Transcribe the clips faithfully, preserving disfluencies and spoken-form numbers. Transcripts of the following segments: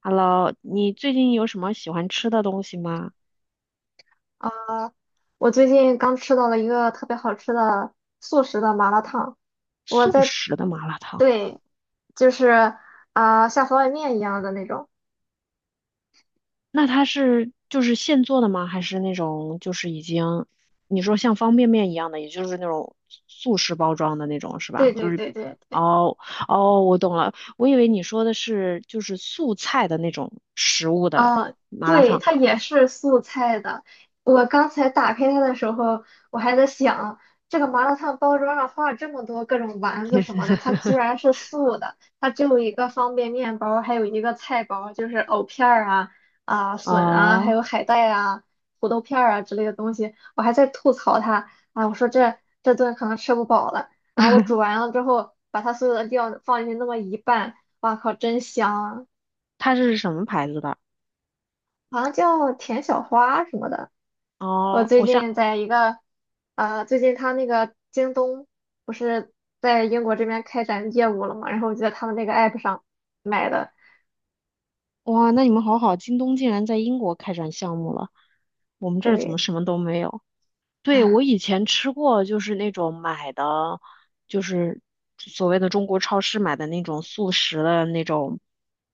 Hello,你最近有什么喜欢吃的东西吗？啊，我最近刚吃到了一个特别好吃的素食的麻辣烫。我速在，食的麻辣烫，对，就是啊，像方便面一样的那种。那它是就是现做的吗？还是那种就是已经你说像方便面一样的，也就是那种速食包装的那种是吧？对就对是对对，哦哦，我懂了，我以为你说的是就是素菜的那种食物的啊，麻辣对，烫。它也是素菜的。我刚才打开它的时候，我还在想，这个麻辣烫包装上画了这么多各种丸子什么的，它居 然是素的。它只有一个方便面包，还有一个菜包，就是藕片儿啊、啊笋啊，还哦，有海带啊、土豆片儿啊之类的东西。我还在吐槽它啊，我说这这顿可能吃不饱了。然后我煮完了之后，把它所有的料放进去那么一拌，哇靠，真香啊！它是什么牌子的？好像叫田小花什么的。我哦，最我想近在一个，呃，最近他那个京东不是在英国这边开展业务了嘛，然后我就在他们那个 app 上买的。哇，那你们好好，京东竟然在英国开展项目了，我们这儿怎么对，什么都没有？对，我以前吃过，就是那种买的，就是所谓的中国超市买的那种速食的那种，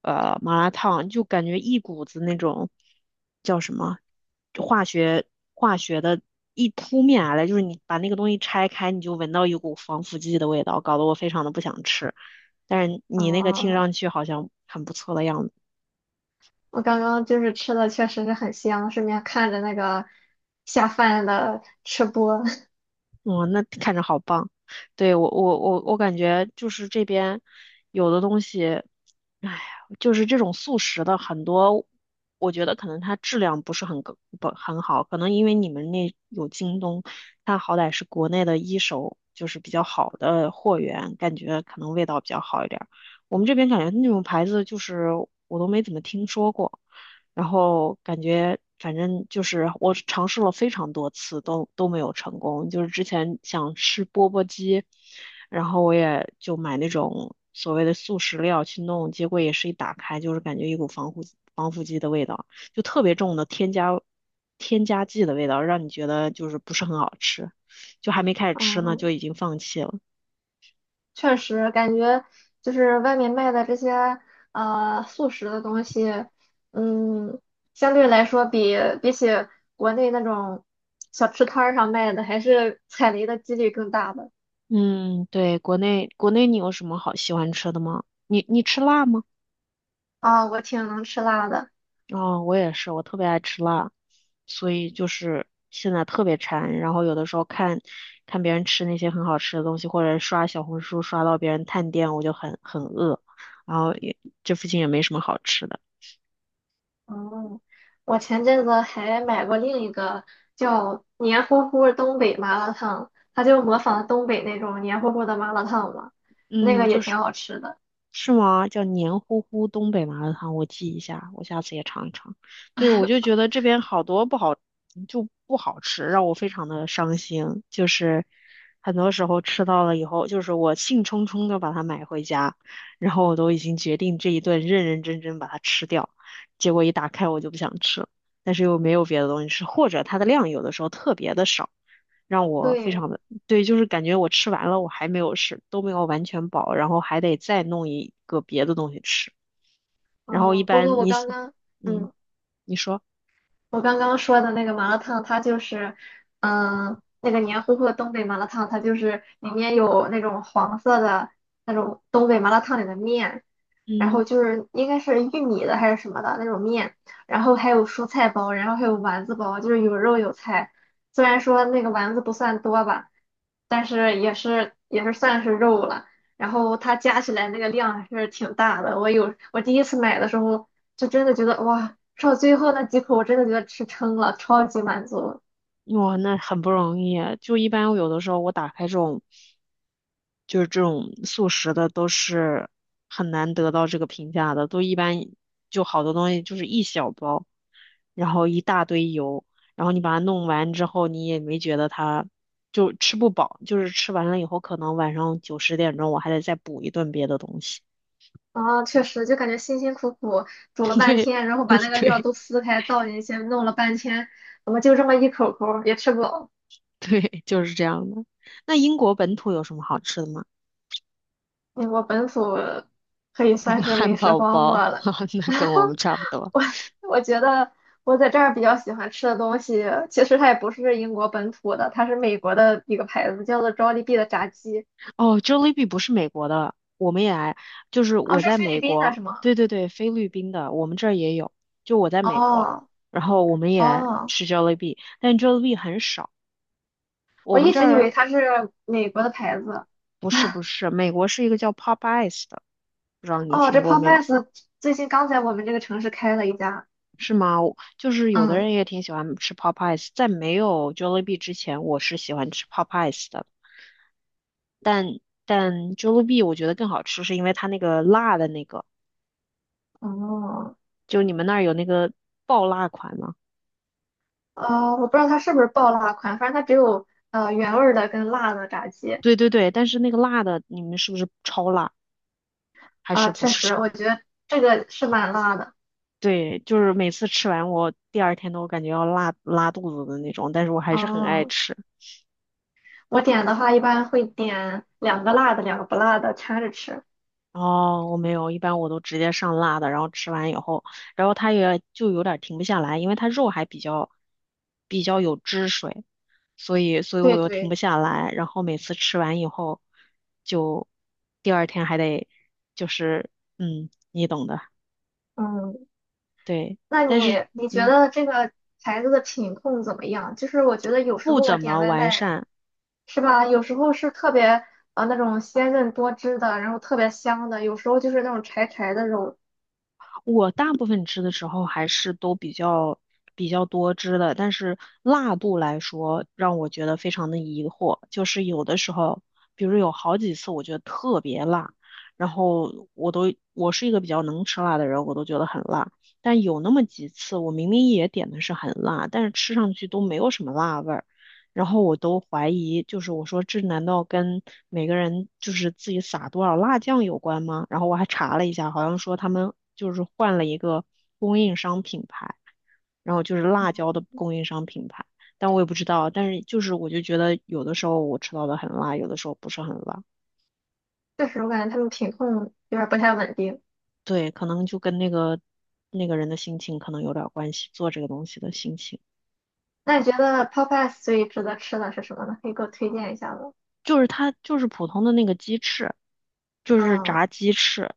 呃，麻辣烫，就感觉一股子那种叫什么化学化学的一扑面而来，就是你把那个东西拆开，你就闻到一股防腐剂的味道，搞得我非常的不想吃。但是你那个听嗯，上去好像很不错的样子。我刚刚就是吃的确实是很香，顺便看着那个下饭的吃播。哇，那看着好棒。对，我我我我感觉就是这边有的东西，哎，就是这种速食的很多，我觉得可能它质量不是很高不很好，可能因为你们那有京东，它好歹是国内的一手，就是比较好的货源，感觉可能味道比较好一点儿。我们这边感觉那种牌子就是我都没怎么听说过。然后感觉反正就是我尝试了非常多次都都没有成功，就是之前想吃钵钵鸡，然后我也就买那种所谓的速食料去弄，结果也是一打开就是感觉一股防腐防腐剂的味道，就特别重的添加添加剂的味道，让你觉得就是不是很好吃，就还没开始 吃呢就嗯，已经放弃了。确实感觉就是外面卖的这些呃速食的东西，嗯，相对来说比比起国内那种小吃摊儿上卖的，还是 踩雷的几率更大的。嗯，对，国内国内你有什么好喜欢吃的吗？你你吃辣吗？啊、我挺能吃辣的。哦，我也是，我特别爱吃辣，所以就是现在特别馋。然后有的时候看看别人吃那些很好吃的东西，或者刷小红书刷到别人探店，我就很很饿。然后也这附近也没什么好吃的。嗯，我前阵子还买过另一个叫黏糊糊东北麻辣烫，它就模仿东北那种黏糊糊的麻辣烫嘛，那嗯，个也就是。挺好吃的。是吗？叫黏糊糊东北麻辣烫，我记一下，我下次也尝一尝。对，我就觉得这边好多不好，就不好吃，让我非常的伤心。就是很多时候吃到了以后，就是我兴冲冲的把它买回家，然后我都已经决定这一顿认认真真把它吃掉，结果一打开我就不想吃了，但是又没有别的东西吃，或者它的量有的时候特别的少。让我非对，常的，对，就是感觉我吃完了，我还没有吃，都没有完全饱，然后还得再弄一个别的东西吃。然后一嗯，不般过我你刚喜刚。嗯，嗯。你说，我刚刚说的那个麻辣烫，它就是，嗯，那个黏糊糊的东北麻辣烫，它就是里面有那种黄色的那种东北麻辣烫里的面，然嗯，后就是应该是玉米的还是什么的那种面，然后还有蔬菜包，然后还有丸子包，就是有肉有菜。虽然说那个丸子不算多吧，但是也是也是算是肉了。然后它加起来那个量还是挺大的。我有我第一次买的时候，就真的觉得哇，吃到最后那几口，我真的觉得吃撑了，超级满足。哇，那很不容易啊就一般有的时候我打开这种，就是这种速食的，都是很难得到这个评价的，都一般就好多东西就是一小包。然后一大堆油，然后你把它弄完之后，你也没觉得它就吃不饱，就是吃完了以后，可能晚上九十点钟我还得再补一顿别的东西。啊，确实，就感觉辛辛苦苦煮 了半对，天，然后 把那个料对，都撕开倒进去，弄了半天，怎么就这么一口口儿也吃不饱？对，就是这样的。那英国本土有什么好吃的吗？嗯，我本土可以算 是汉美食堡荒漠包，了。那跟我们差不多。我我觉得我在这儿比较喜欢吃的东西，其实它也不是英国本土的，它是美国的一个牌子，叫做 Jollibee 的炸鸡。哦，Jollibee 不是美国的，我们也来，就是哦，我是在菲美律宾的国，是吗？对对对，菲律宾的，我们这儿也有，就我在美国，哦然后我们也哦，吃 Jollibee,但 Jollibee 很少。我我们一这直以儿为它是美国的牌子。不是不是，美国是一个叫 Popeyes 的，不知道你哦，这 听过没有？Popeyes 最近刚在我们这个城市开了一家。是吗？我就是有的嗯，人也挺喜欢吃 Popeyes,在没有 Jollibee 之前，我是喜欢吃 Popeyes 的，但 Jollibee 我觉得更好吃，是因为它那个辣的那个，哦，就你们那儿有那个爆辣款吗？呃，我不知道它是不是爆辣款，反正它只有呃原味儿的跟辣的炸鸡。对对对，但是那个辣的，你们是不是超辣还是啊，不确是实，超？我觉得这个是蛮辣的。对，就是每次吃完我第二天都感觉要拉拉肚子的那种，但是我还是很爱哦。吃。我点的话一般会点两个辣的，两个不辣的掺着吃。哦，我没有，一般我都直接上辣的，然后吃完以后，然后它也就有点停不下来，因为它肉还比较比较有汁水，所以所以我对又停不对，下来，然后每次吃完以后，就第二天还得就是嗯，你懂的，嗯，对，那但是你你觉嗯得这个牌子的品控怎么样？就是我觉得有时不候我怎点么外完卖善。是吧，有时候是特别呃那种鲜嫩多汁的，然后特别香的，有时候就是那种柴柴的肉，我大部分吃的时候还是都比较比较多汁的，但是辣度来说，让我觉得非常的疑惑。就是有的时候，比如有好几次我觉得特别辣，然后我都我是一个比较能吃辣的人，我都觉得很辣。但有那么几次，我明明也点的是很辣，但是吃上去都没有什么辣味儿。然后我都怀疑，就是我说这难道跟每个人就是自己撒多少辣酱有关吗？然后我还查了一下，好像说他们就是换了一个供应商品牌，然后就是辣椒的供应商品牌，但我也不知道。但是就是我就觉得有的时候我吃到的很辣，有的时候不是很辣。确实我感觉他们品控有点儿不太稳定。对，可能就跟那个那个人的心情可能有点关系，做这个东西的心情。那你觉得 Popeyes 最值得吃的是什么呢？可以给我推荐一下吗？就是它就是普通的那个鸡翅，就是嗯，炸鸡翅，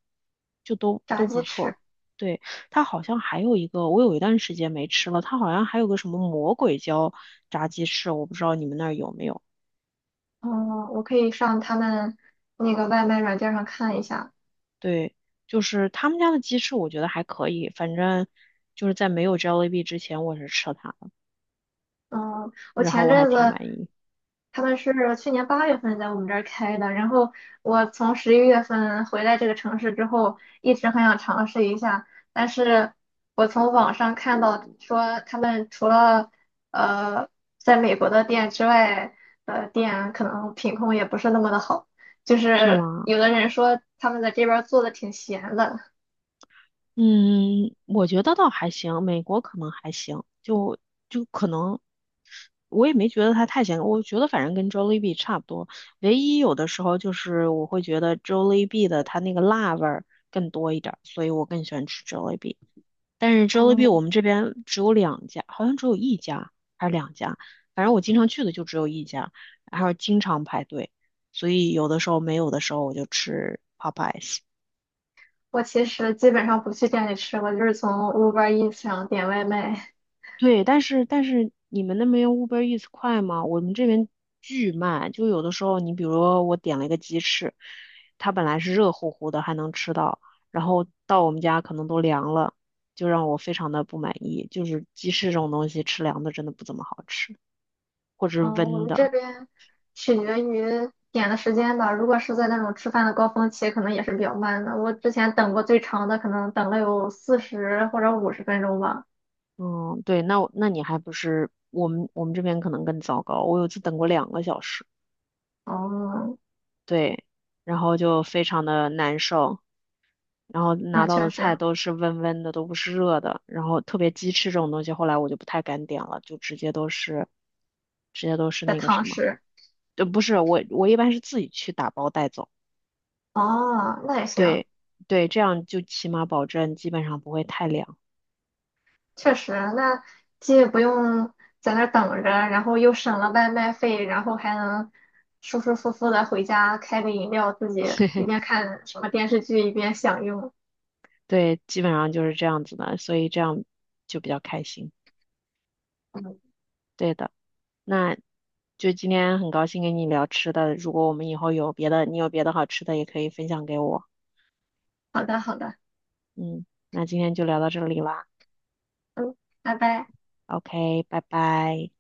就都炸都不鸡错。翅。对，它好像还有一个，我有一段时间没吃了，它好像还有个什么魔鬼椒炸鸡翅，我不知道你们那儿有没有。嗯，我可以上他们那个外卖软件上看一下。对，就是他们家的鸡翅，我觉得还可以，反正就是在没有 j o l l i b 之前，我是吃了它的，嗯，我然后前我还阵挺子满意。他们是去年八月份在我们这儿开的，然后我从十一月份回来这个城市之后，一直很想尝试一下，但是我从网上看到说他们除了呃在美国的店之外的店，可能品控也不是那么的好，就是是吗？有的人说他们在这边儿做的挺闲的。嗯，我觉得倒还行，美国可能还行，就就可能我也没觉得它太咸，我觉得反正跟 Jollibee 差不多。唯一有的时候就是我会觉得 Jollibee 的它那个辣味儿更多一点儿，所以我更喜欢吃 Jollibee。但是 Jollibee 我嗯。们这边只有两家，好像只有一家还是两家，反正我经常去的就只有一家，然后经常排队，所以有的时候没有的时候我就吃我其实基本上不去店里吃，我就是从 Uber Eats 上点外卖。对，但是但是你们那边用 U B E R E A T S 快吗？我们这边巨慢，就有的时候你比如说我点了一个鸡翅，它本来是热乎乎的还能吃到，然后到我们家可能都凉了，就让我非常的不满意。就是鸡翅这种东西吃凉的真的不怎么好吃，或者是嗯，我温们的。这边取决于点的时间吧。如果是在那种吃饭的高峰期，可能也是比较慢的。我之前等过最长的，可能等了有四十或者五十分钟吧。嗯，对，那我那你还不是我们我们这边可能更糟糕，我有一次等过两个小时，哦，对，然后就非常的难受。然后拿那到确的菜实都是温温的，都不是热的。然后特别鸡翅这种东西，后来我就不太敢点了，就直接都是，直接都是在那个什堂么，食。就不是我我一般是自己去打包带走，哦，那也行。对对，这样就起码保证基本上不会太凉，确实，那既不用在那儿等着，然后又省了外卖费，然后还能舒舒服服的回家开个饮料，自己一边看什么电视剧一边享用。对，基本上就是这样子的，所以这样就比较开心，嗯，对的。那就今天很高兴跟你聊吃的，如果我们以后有别的，你有别的好吃的也可以分享给我，好的，好的，嗯，那今天就聊到这里啦。嗯，拜拜。O K,拜拜。